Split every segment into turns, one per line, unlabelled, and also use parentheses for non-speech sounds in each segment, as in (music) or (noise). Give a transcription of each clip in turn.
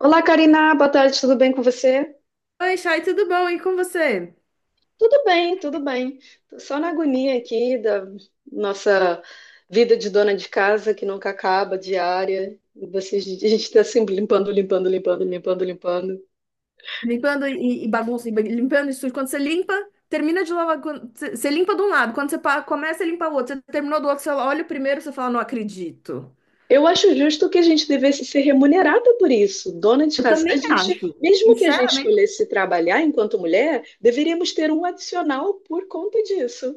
Olá, Karina, boa tarde, tudo bem com você?
Oi, Chay, tudo bom? E com você?
Tudo bem, tudo bem. Tô só na agonia aqui da nossa vida de dona de casa que nunca acaba, diária. A gente está sempre limpando, limpando, limpando, limpando, limpando.
Limpando, e, bagunça, e limpando isso tudo. Quando você limpa, termina de lavar. Você limpa de um lado, quando você começa a limpar o outro, você terminou do outro, você olha o primeiro, você fala, não acredito.
Eu acho justo que a gente devesse ser remunerada por isso, dona de
Eu
casa. A
também
gente,
acho.
mesmo que a gente
Sinceramente,
escolhesse trabalhar enquanto mulher, deveríamos ter um adicional por conta disso,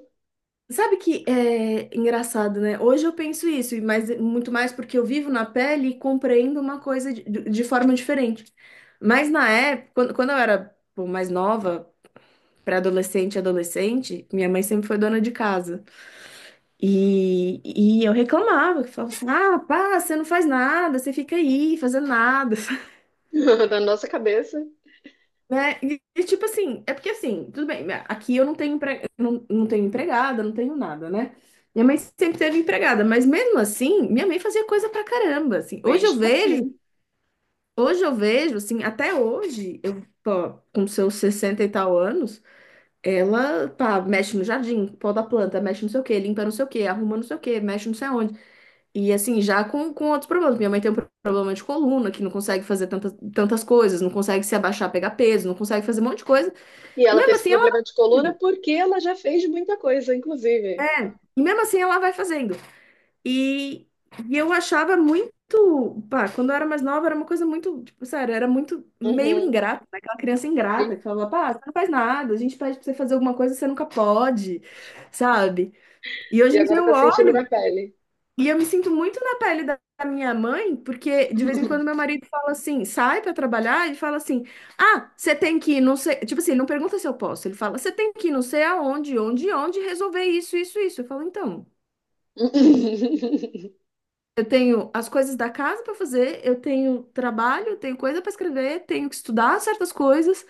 sabe que é engraçado, né? Hoje eu penso isso, e mas muito mais porque eu vivo na pele e compreendo uma coisa de forma diferente. Mas na época, quando eu era pô, mais nova, pré-adolescente, adolescente, minha mãe sempre foi dona de casa. E, e eu reclamava, que falava assim, ah, pá, você não faz nada, você fica aí fazendo nada. (laughs)
(laughs) na nossa cabeça.
Né? Tipo assim, é porque assim, tudo bem, né, aqui eu não tenho, não, não tenho empregada, não tenho nada, né? Minha mãe sempre teve empregada, mas mesmo assim, minha mãe fazia coisa pra caramba, assim.
Mesmo assim.
Hoje eu vejo, assim, até hoje, eu, pô, com seus 60 e tal anos, ela, pá, mexe no jardim, poda a planta, mexe não sei o quê, limpa não sei o quê, arruma não sei o quê, mexe não sei onde. E assim, já com outros problemas. Minha mãe tem um problema de coluna, que não consegue fazer tantas, tantas coisas, não consegue se abaixar, pegar peso, não consegue fazer um monte de coisa.
E
E
ela tem
mesmo
esse
assim ela,
problema de coluna porque ela já fez muita coisa, inclusive.
e mesmo assim ela vai fazendo. E, e eu achava muito, pá, quando eu era mais nova, era uma coisa muito, tipo, sério, era muito meio
Uhum,
ingrata, né? Aquela criança ingrata
sim.
que falava, pá, você não faz nada, a gente pede pra você fazer alguma coisa, você nunca pode, sabe? E
E
hoje em dia
agora
eu
tá sentindo na
olho.
pele.
E eu me sinto muito na pele da minha mãe, porque de vez em quando meu marido fala assim, sai pra trabalhar e fala assim: "Ah, você tem que ir, não sei, tipo assim, não pergunta se eu posso". Ele fala: "Você tem que ir, não sei aonde, onde, onde resolver isso, isso, isso". Eu falo: "Então,
(laughs)
eu tenho as coisas da casa pra fazer, eu tenho trabalho, eu tenho coisa pra escrever, tenho que estudar certas coisas.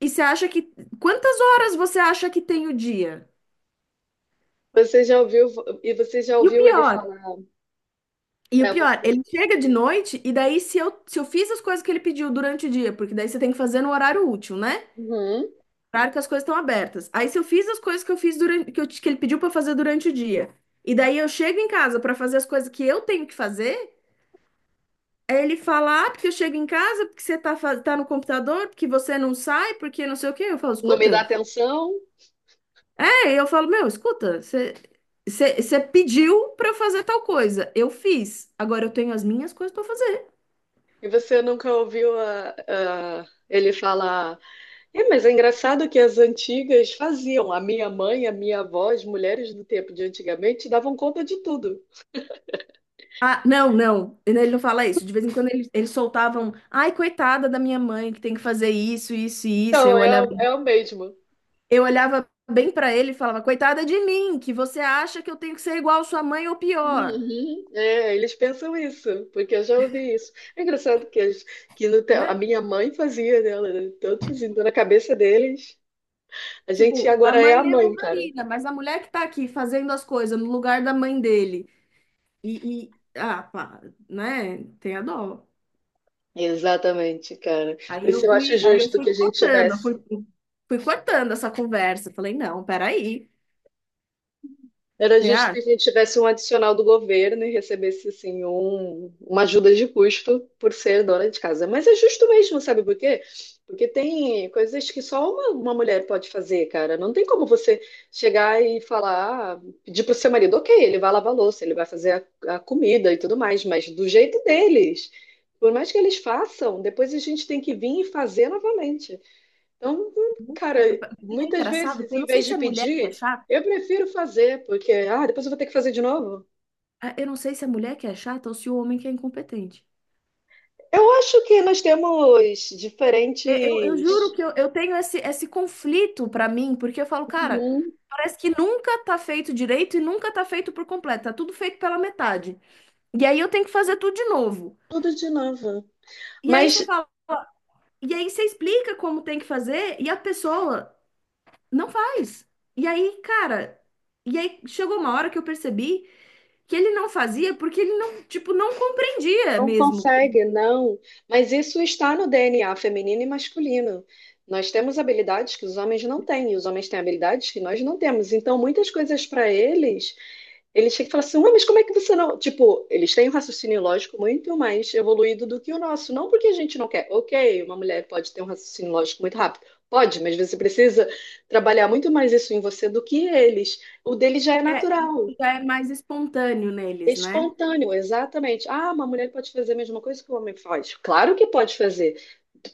E você acha que quantas horas você acha que tem o dia?"
Você já ouviu e você já
E o
ouviu ele
pior,
falar
E o
pra
pior,
você,
ele chega de noite e daí se eu fiz as coisas que ele pediu durante o dia, porque daí você tem que fazer no horário útil, né?
uhum,
Horário que as coisas estão abertas. Aí se eu fiz as coisas que eu fiz durante, que, que ele pediu pra fazer durante o dia, e daí eu chego em casa pra fazer as coisas que eu tenho que fazer, aí ele fala, ah, porque eu chego em casa, porque você tá, tá no computador, porque você não sai, porque não sei o quê. Eu falo,
não me dá
escuta.
atenção?
É, eu falo, meu, escuta, você pediu pra eu fazer tal coisa, eu fiz. Agora eu tenho as minhas coisas pra fazer.
E você nunca ouviu ele falar, é, mas é engraçado que as antigas faziam. A minha mãe, a minha avó, as mulheres do tempo de antigamente davam conta de tudo.
Ah, não, não, ele não fala isso. De vez em quando eles soltavam, ai, coitada da minha mãe, que tem que fazer isso, isso e isso.
Então, é, é o mesmo.
Eu olhava bem pra ele e falava, coitada de mim, que você acha que eu tenho que ser igual sua mãe ou pior,
Uhum. É, eles pensam isso, porque eu já ouvi isso. É engraçado que, as- que no te- a
né?
minha mãe fazia, né? Ela era tão assim, então na cabeça deles, a gente
Tipo, a
agora é a
mãe é
mãe, cara.
Evangelina, mas a mulher que tá aqui fazendo as coisas no lugar da mãe dele ah, pá, né? Tem a dó.
Exatamente, cara. Por
Aí eu
isso eu acho
fui, aí eu
justo
fui
que a gente
cortando,
tivesse
fui cortando essa conversa. Falei, não, peraí.
Era justo que a gente tivesse um adicional do governo e recebesse, assim, um, uma ajuda de custo por ser dona de casa. Mas é justo mesmo, sabe por quê? Porque tem coisas que só uma mulher pode fazer, cara. Não tem como você chegar e falar, ah, pedir pro seu marido, ok, ele vai lavar a louça, ele vai fazer a comida e tudo mais, mas do jeito deles. Por mais que eles façam, depois a gente tem que vir e fazer novamente. Então, cara,
Nunca. É
muitas
engraçado,
vezes,
porque eu
em
não sei
vez de
se é mulher que é
pedir,
chata,
eu prefiro fazer, porque, ah, depois eu vou ter que fazer de novo.
ah, eu não sei se é mulher que é chata ou se o homem que é incompetente.
Eu acho que nós temos
Eu juro
diferentes.
que eu tenho esse conflito pra mim, porque eu falo, cara,
Uhum,
parece que nunca tá feito direito e nunca tá feito por completo, tá tudo feito pela metade. E aí eu tenho que fazer tudo de novo.
tudo de novo.
E aí você
Mas
fala, e aí você explica como tem que fazer e a pessoa não faz. E aí, cara, e aí chegou uma hora que eu percebi que ele não fazia porque ele não, tipo, não compreendia
não
mesmo. Que
consegue, não. Mas isso está no DNA feminino e masculino. Nós temos habilidades que os homens não têm, e os homens têm habilidades que nós não temos. Então, muitas coisas para eles, eles chegam e falam assim: Ué, mas como é que você não. Tipo, eles têm um raciocínio lógico muito mais evoluído do que o nosso. Não porque a gente não quer. Ok, uma mulher pode ter um raciocínio lógico muito rápido. Pode, mas você precisa trabalhar muito mais isso em você do que eles. O dele já é
É,
natural.
isso já é mais espontâneo neles, né?
Espontâneo, exatamente. Ah, uma mulher pode fazer a mesma coisa que o homem faz. Claro que pode fazer.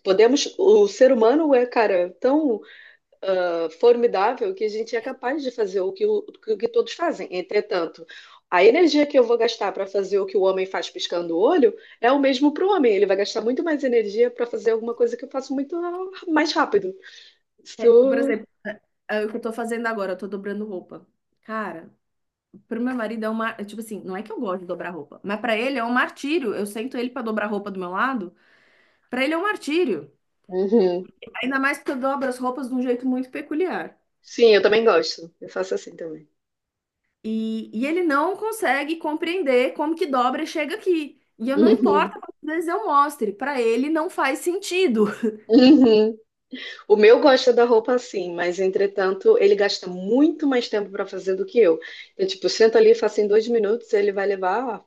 Podemos, o ser humano é, cara, tão formidável que a gente é capaz de fazer o que todos fazem. Entretanto, a energia que eu vou gastar para fazer o que o homem faz piscando o olho é o mesmo para o homem. Ele vai gastar muito mais energia para fazer alguma coisa que eu faço muito mais rápido.
É, por
Isso.
exemplo, é o que eu tô fazendo agora, eu tô dobrando roupa. Cara, pro meu marido é uma, é tipo assim, não é que eu gosto de dobrar roupa, mas pra ele é um martírio. Eu sento ele pra dobrar roupa do meu lado, pra ele é um martírio.
Uhum.
Ainda mais porque eu dobro as roupas de um jeito muito peculiar.
Sim, eu também gosto. Eu faço assim também.
E ele não consegue compreender como que dobra e chega aqui. E eu não
Uhum.
importa quantas vezes eu mostre, pra ele não faz sentido. (laughs)
Uhum. O meu gosta da roupa assim, mas entretanto ele gasta muito mais tempo para fazer do que eu. Eu, tipo, sento ali, faço em dois minutos, ele vai levar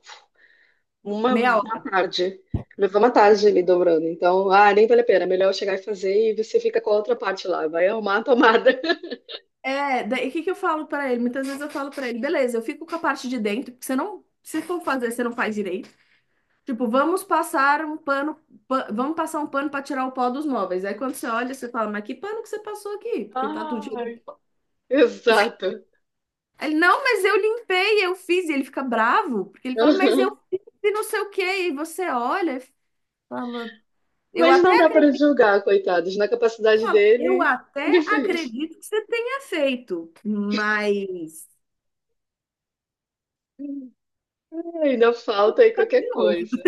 Meia.
uma tarde. Levar uma tarde ali dobrando. Então, ah, nem vale a pena. Melhor eu chegar e fazer e você fica com a outra parte lá. Vai arrumar a tomada.
É, daí o que que eu falo pra ele? Muitas vezes eu falo pra ele, beleza, eu fico com a parte de dentro, porque você não, se for fazer, você não faz direito. Tipo, vamos passar um pano, vamos passar um pano pra tirar o pó dos móveis. Aí quando você olha, você fala, mas que pano que você passou aqui? Porque tá tudo
(laughs)
cheio de...
Ai, exato.
Aí ele, não, mas eu limpei, eu fiz. E ele fica bravo, porque ele fala, mas eu
Aham.
fiz e não sei o quê. E você olha e fala, eu
Mas
até,
não dá para
acre-
julgar, coitados. Na capacidade
eu
dele, (laughs) ele
até
fez.
acredito que você tenha feito, mas...
Ainda falta aí qualquer coisa.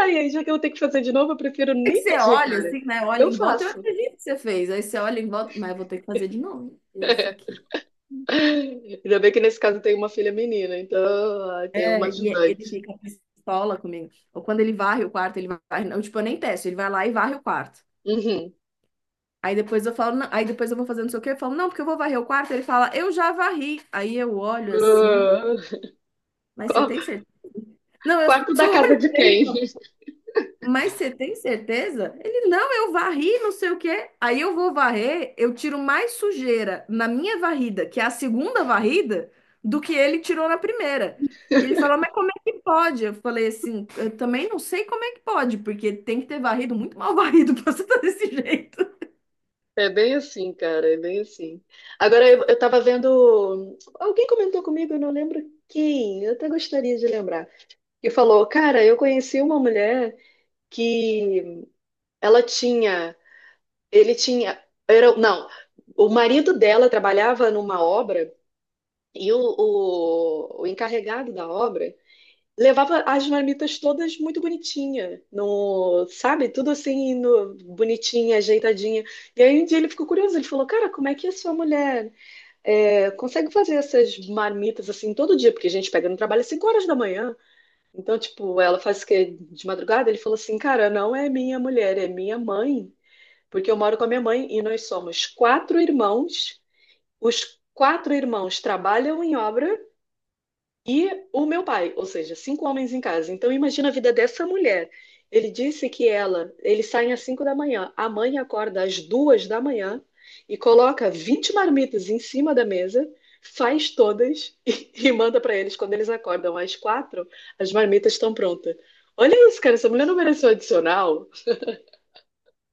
Aí, já que eu tenho que fazer de novo, eu prefiro
É que
nem
você
pedir,
olha
cara.
assim, né? Olha
Eu
em volta, eu
faço.
acredito que você fez. Aí você olha em volta, mas eu vou ter que fazer de novo isso
(laughs)
aqui.
Ainda bem que nesse caso tem uma filha menina, então tem uma
É, e é, ele
ajudante.
fica pistola comigo. Ou quando ele varre o quarto, ele varre. Eu, tipo, eu nem testo, ele vai lá e varre o quarto.
Uhum.
Aí depois eu falo, não, aí depois eu vou fazer não sei o quê, eu falo, não, porque eu vou varrer o quarto. Ele fala, eu já varri. Aí eu olho assim,
Ah,
mas você
qu-
tem certeza? Não, eu
quarto
só
da
(laughs)
casa
olho
de
pra ele.
quem? (laughs)
Mas você tem certeza? Ele, não, eu varri, não sei o quê. Aí eu vou varrer, eu tiro mais sujeira na minha varrida, que é a segunda varrida, do que ele tirou na primeira. E ele falou, mas como é que pode? Eu falei assim, eu também não sei como é que pode, porque tem que ter varrido muito mal varrido (laughs) pra você estar desse jeito.
É bem assim, cara, é bem assim. Agora eu tava vendo. Alguém comentou comigo, eu não lembro quem, eu até gostaria de lembrar, que falou: Cara, eu conheci uma mulher que ela tinha Ele tinha. Era, não, o marido dela trabalhava numa obra e o encarregado da obra levava as marmitas todas muito bonitinha, no, sabe? Tudo assim, no, bonitinha, ajeitadinha. E aí um dia ele ficou curioso, ele falou: Cara, como é que a sua mulher consegue fazer essas marmitas assim todo dia? Porque a gente pega no trabalho às 5 horas da manhã. Então, tipo, ela faz o quê? De madrugada? Ele falou assim: Cara, não é minha mulher, é minha mãe porque eu moro com a minha mãe e nós somos quatro irmãos. Os quatro irmãos trabalham em obra e o meu pai, ou seja, cinco homens em casa. Então imagina a vida dessa mulher. Ele disse que ela, eles saem às 5 da manhã, a mãe acorda às 2 da manhã e coloca 20 marmitas em cima da mesa, faz todas (laughs) e manda para eles quando eles acordam às quatro, as marmitas estão prontas. Olha isso, cara, essa mulher não mereceu adicional.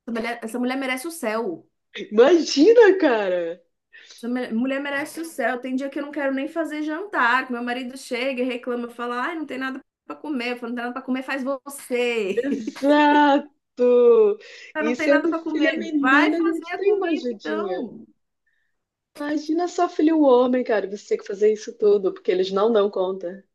Essa mulher merece o céu.
Imagina, cara.
Essa mulher merece o céu. Tem dia que eu não quero nem fazer jantar, que meu marido chega e reclama, fala, ai, não tem nada pra comer. Eu falo, não tem nada pra comer, faz você.
Exato!
Ah,
E
não tem nada
sendo
para
filha
comer. Vai
menina, a
fazer
gente
a
tem uma
comida,
ajudinha.
então.
Imagina só filho homem, cara, você ter que fazer isso tudo, porque eles não dão conta.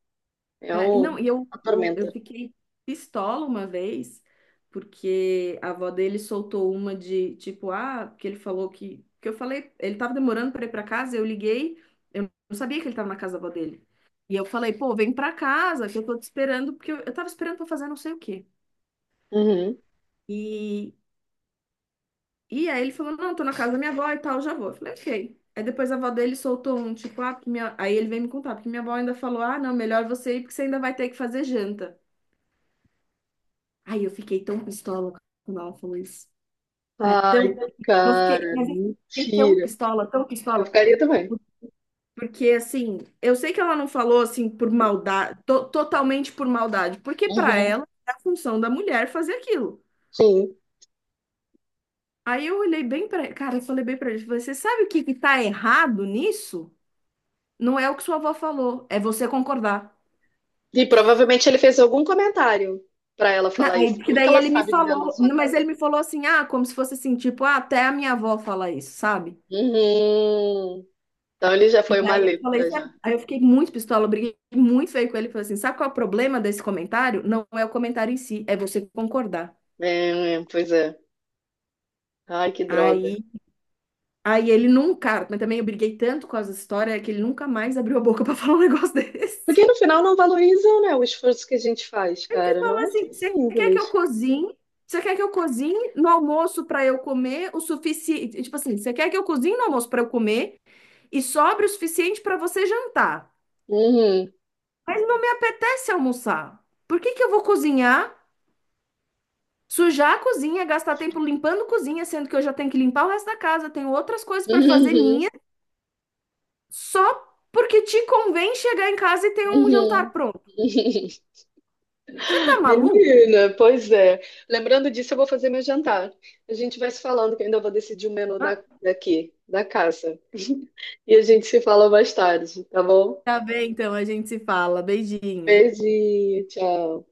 É
É, e
um...
não, e eu,
uma
eu, eu
tormenta.
fiquei pistola uma vez, porque a avó dele soltou uma de tipo, ah, porque ele falou que. Que eu falei, ele tava demorando para ir para casa, eu liguei, eu não sabia que ele tava na casa da avó dele. E eu falei, pô, vem para casa, que eu tô te esperando, porque eu tava esperando para fazer não sei o quê.
Uhum.
E, E aí ele falou, não, tô na casa da minha avó e tal, já vou. Eu falei, ok. Aí depois a avó dele soltou um, tipo, ah, porque minha... aí ele veio me contar, porque minha avó ainda falou, ah, não, melhor você ir, porque você ainda vai ter que fazer janta. Aí eu fiquei tão pistola quando ela falou isso. Mas
Ai,
tão, não fiquei,
cara,
mas eu fiquei tão
mentira.
pistola, tão
Eu
pistola.
ficaria também.
Porque, assim, eu sei que ela não falou, assim, por maldade, totalmente por maldade, porque pra
Uhum.
ela é a função da mulher fazer aquilo.
Sim.
Aí eu olhei bem pra, cara, eu falei bem pra ele, falei, você sabe o que que tá errado nisso? Não é o que sua avó falou, é você concordar.
E provavelmente ele fez algum comentário pra ela falar
Aí,
isso.
porque
Como é que
daí
ela
ele me
sabe de dentro da
falou,
sua
mas ele
casa?
me falou assim, ah, como se fosse assim, tipo, ah, até a minha avó fala isso, sabe?
Uhum. Então ele já
E
foi uma
aí eu falei,
letra
sabe?
já.
Aí eu fiquei muito pistola, eu briguei muito feio com ele, falei assim, sabe qual é o problema desse comentário? Não é o comentário em si, é você concordar.
É, é, pois é. Ai, que droga.
Aí, aí, ele nunca, mas também eu briguei tanto com essa história que ele nunca mais abriu a boca (laughs) pra falar um negócio
Porque
desse.
no final não valorizam, né, o esforço que a gente faz,
Aí você
cara. Não
fala
é
assim,
assim
você quer que eu
simples.
cozinhe? Você quer que eu cozinhe no almoço para eu comer o suficiente? Tipo assim, você quer que eu cozinhe no almoço para eu comer e sobre o suficiente para você jantar?
Uhum,
Mas não me apetece almoçar. Por que que eu vou cozinhar, sujar a cozinha, gastar tempo limpando cozinha, sendo que eu já tenho que limpar o resto da casa, tenho outras coisas para fazer
uhum,
minha, só porque te convém chegar em casa e ter um jantar
uhum.
pronto?
(laughs)
Você tá maluco?
Menina, pois é. Lembrando disso, eu vou fazer meu jantar. A gente vai se falando, que eu ainda vou decidir o menu da,
Ah,
daqui, da casa. E a gente se fala mais tarde, tá bom?
tá bem, então, a gente se fala. Beijinho.
Beijinho, tchau.